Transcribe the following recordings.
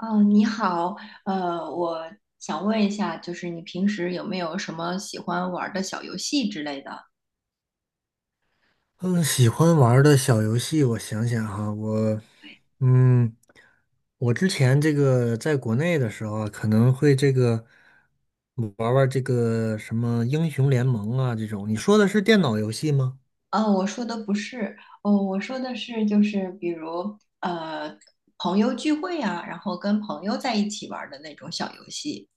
哦，你好，我想问一下，就是你平时有没有什么喜欢玩儿的小游戏之类的？嗯，喜欢玩儿的小游戏，我想想哈，嗯，我之前这个在国内的时候啊，可能会这个玩玩这个什么英雄联盟啊这种。你说的是电脑游戏吗？哦，我说的不是，哦，我说的是就是比如呃朋友聚会啊，然后跟朋友在一起玩儿的那种小游戏。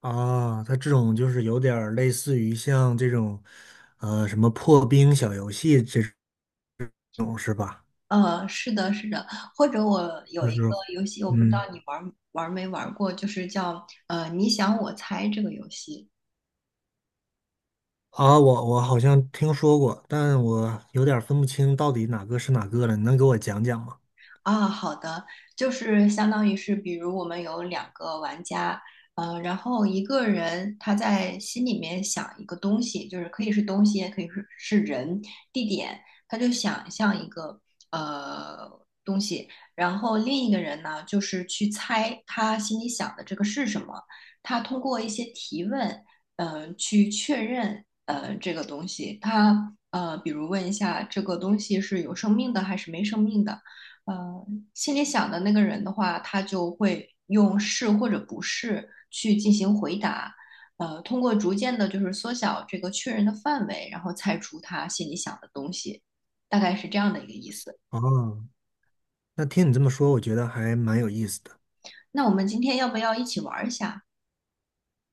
啊，它这种就是有点儿类似于像这种，什么破冰小游戏这种是吧？呃，是的，是的，或者我有就一是，个游戏，我不知道嗯，你玩儿没玩儿过，就是叫你想我猜这个游戏。啊，我好像听说过，但我有点儿分不清到底哪个是哪个了，你能给我讲讲吗？啊，好的，就是相当于是，比如我们有两个玩家，嗯，然后一个人他在心里面想一个东西，就是可以是东西，也可以是人、地点，他就想象一个呃东西，然后另一个人呢，就是去猜他心里想的这个是什么，他通过一些提问，嗯、去确认这个东西，他比如问一下这个东西是有生命的还是没生命的。呃，心里想的那个人的话，他就会用是或者不是去进行回答，呃，通过逐渐的就是缩小这个确认的范围，然后猜出他心里想的东西，大概是这样的一个意思。啊。那听你这么说，我觉得还蛮有意思的。那我们今天要不要一起玩儿一下？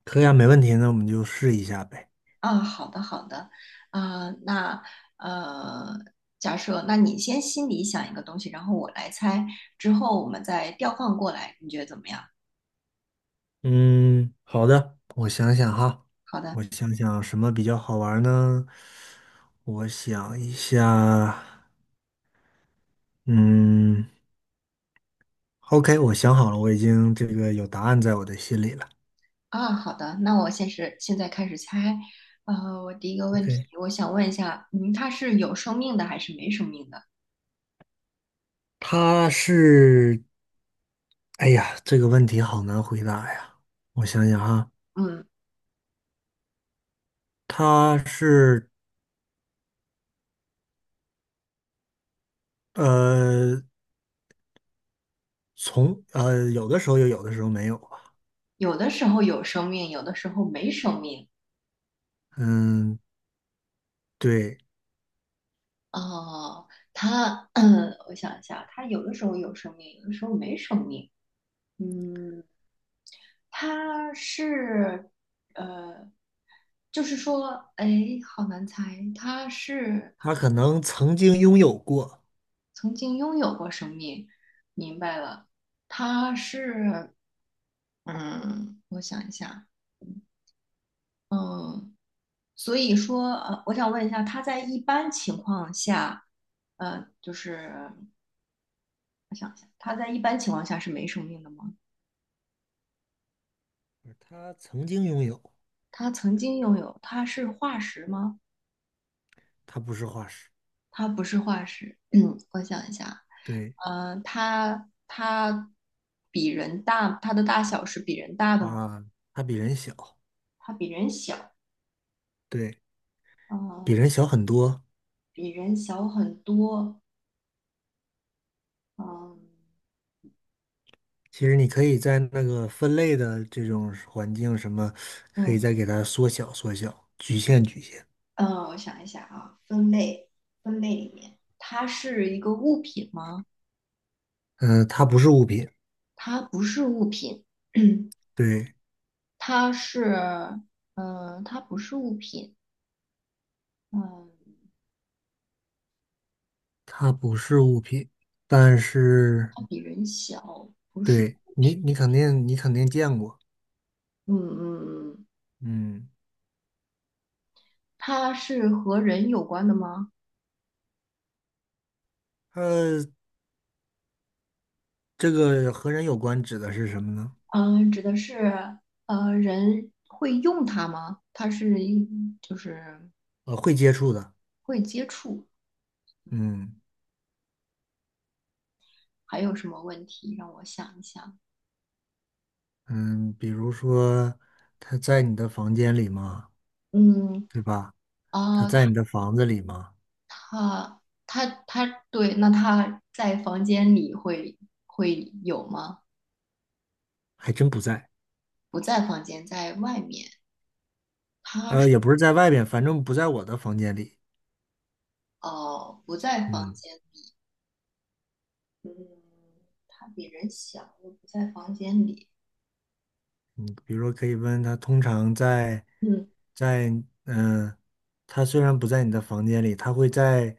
可以啊，没问题，那我们就试一下呗。啊，好的，好的，啊、那呃，假设那你先心里想一个东西，然后我来猜，之后我们再调换过来，你觉得怎么样？嗯，好的，我想想哈，好的。我想想什么比较好玩儿呢？我想一下，嗯，OK，我想好了，我已经这个有答案在我的心里了。啊，好的，那我现在开始猜。呃，我第一个问题，对，我想问一下，嗯，它是有生命的还是没生命的？他是，哎呀，这个问题好难回答呀。我想想哈，嗯，他是呃，从有的时候有，有的时候没有吧。有的时候有生命，有的时候没生命。嗯，对。哦，它，嗯，我想一下，它有的时候有生命，有的时候没生命。嗯，它是，呃，就是说，哎，好难猜，它是他可能曾经拥有过，曾经拥有过生命，明白了。它是嗯，我想一下，嗯，所以说，呃，我想问一下，他在一般情况下，呃，就是我想一下，他在一般情况下是没生命的吗？他曾经拥有，他曾经拥有，他是化石吗？他不是化石。他不是化石，嗯，我想一下，对呃，他比人大，他的大小是比人大的吗？啊，他比人小，他比人小，对，嗯、比人小很多。比人小很多，嗯、其实你可以在那个分类的这种环境什么，可以嗯。再给它缩小缩小，局限局限。嗯，我想一下啊，分类里面，它是一个物品吗？嗯、它不是物品，它不是物品，对，它是，嗯、它不是物品，嗯、它不是物品，但是它比人小，不是，对你，你肯定见过。嗯嗯，嗯嗯，它是和人有关的吗？呃，这个和人有关指的是什么呢？嗯、指的是，呃，人会用它吗？它是一，就是会接触的。会接触，嗯，嗯。还有什么问题？让我想一想，嗯，比如说他在你的房间里吗？嗯，对吧？他啊、在你的房子里吗？他，对，那他在房间里会会有吗？还真不在。不在房间，在外面。他是也不是在外边，反正不在我的房间里。哦，不在房嗯，间里。嗯，他比人小，又不在房间里。比如说可以问他，通常在嗯，在嗯，呃他虽然不在你的房间里，他会在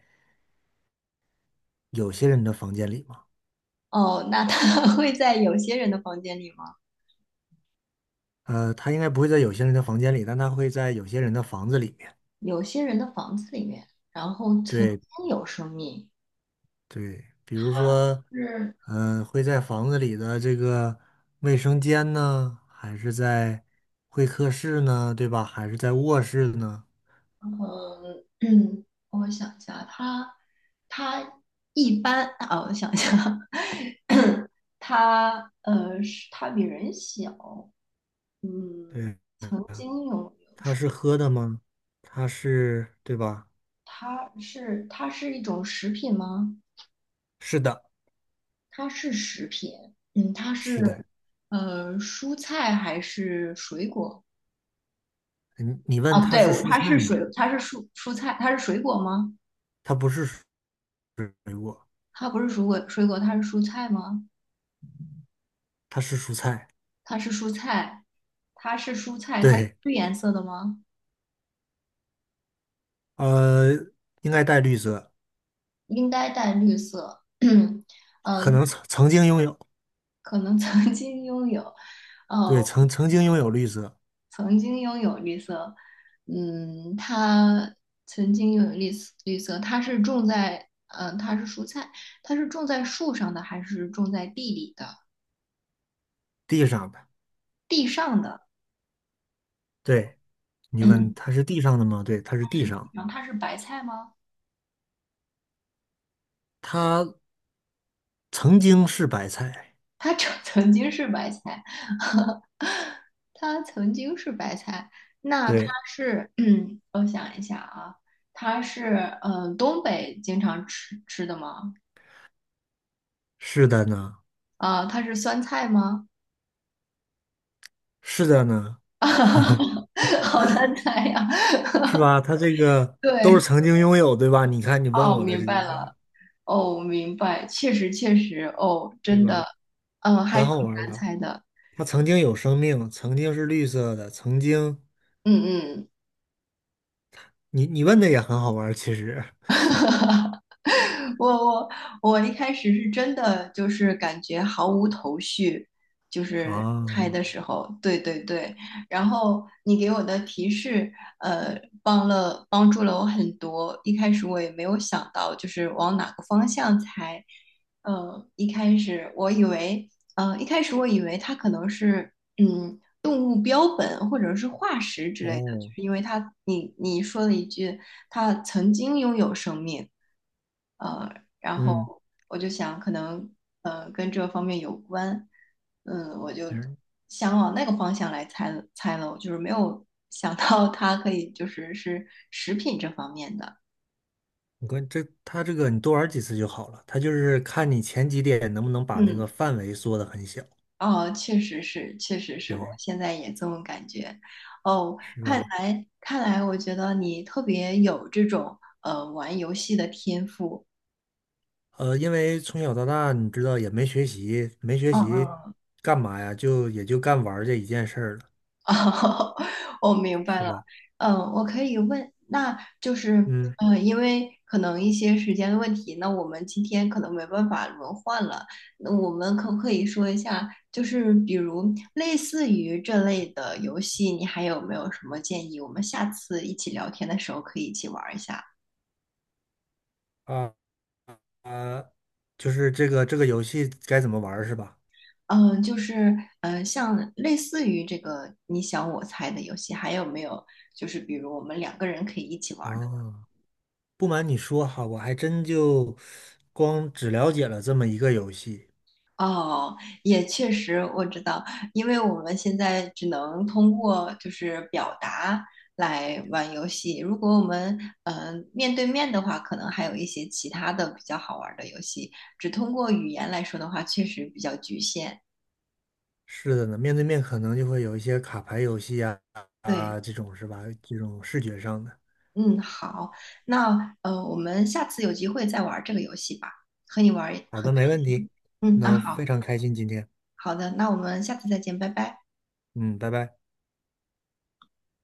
有些人的房间里吗？哦，那他 会在有些人的房间里吗？他应该不会在有些人的房间里，但他会在有些人的房子里面。有些人的房子里面，然后曾对，经有生命，对，比如说，是嗯、会在房子里的这个卫生间呢，还是在会客室呢，对吧？还是在卧室呢？嗯，我想一下，他他一般啊，我想一下，他是他比人小，嗯，对，曾经有它是喝的吗？它是，对吧？他是它是一种食品吗？是的，它是食品，嗯，它是是的。蔬菜还是水果？你问啊，它对，是我蔬它是菜水，吗？它是蔬菜，它是水果吗？它不是水果，它不是水果，水果它是蔬菜吗？它是蔬菜。它是蔬菜，它是蔬菜，它是对，绿颜色的吗？呃，应该带绿色，应该带绿色。嗯，呃可能曾经拥有，可能曾经拥有，呃，对，曾经拥有绿色，曾经拥有绿色。嗯，它曾经拥有绿色，绿色，它是种在，嗯、它是蔬菜，它是种在树上的还是种在地里的？地上的。地上的。对，你问嗯，它是地上的吗？对，它是地上。然后它是白菜吗？它曾经是白菜。它 曾经是白菜。它曾经是白菜，那它对，是，嗯，我想一下啊，它是，嗯，呃东北经常吃的吗？是的呢，啊、它是酸菜吗？是的呢，好难猜呀。是吧？它这个都是对，曾经拥有，对吧？你看你问哦，我的明这白几个，了，哦，明白，确实确实，哦，对真的，吧？嗯、还很挺好玩儿难吧？猜的，它曾经有生命，曾经是绿色的，曾经嗯嗯。你问的也很好玩儿其实。我我一开始是真的就是感觉毫无头绪，就是猜啊，的时候，对对对。然后你给我的提示，呃，帮助了我很多。一开始我也没有想到，就是往哪个方向猜。呃，一开始我以为，呃，一开始我以为它可能是，嗯，动物标本或者是化石 之类的，就哦，是因为它，你你说了一句，它曾经拥有生命。呃，然后嗯我就想可能跟这方面有关，嗯，我就嗯，想往那个方向来猜了，我就是没有 想到它可以就是是食品这方面的，你关这它这个你多玩几次就好了，它就是看你前几点能不能把那嗯，个范围缩得很小，哦，确实是，确实是我对，现在也这么感觉，哦，是吧？看来，我觉得你特别有这种玩游戏的天赋，因为从小到大，你知道也没学习，没学嗯习嗯干嘛呀？就也就干玩儿这一件事儿了，哦，我明白是了。吧？嗯，我可以问，那就是，嗯嗯，因为可能一些时间的问题，那我们今天可能没办法轮换了。那我们可不可以说一下，就是比如类似于这类的游戏，你还有没有什么建议？我们下次一起聊天的时候可以一起玩儿一下。啊啊，就是这个游戏该怎么玩儿是吧？嗯，就是，嗯，像类似于这个你想我猜的游戏，还有没有？就是比如我们两个人可以一起玩儿的啊，不瞒你说哈，我还真就光只了解了这么一个游戏。哦，也确实，我知道，因为我们现在只能通过就是表达来玩游戏。如果我们嗯、面对面的话，可能还有一些其他的比较好玩儿的游戏。只通过语言来说的话，确实比较局限。是的呢，面对面可能就会有一些卡牌游戏啊对，啊这种是吧？这种视觉上的。嗯，好，那我们下次有机会再玩儿这个游戏吧，和你玩儿一好的，没问题。嗯，那那非好，常开心今天，好的，那我们下次再见，拜拜。嗯，拜拜。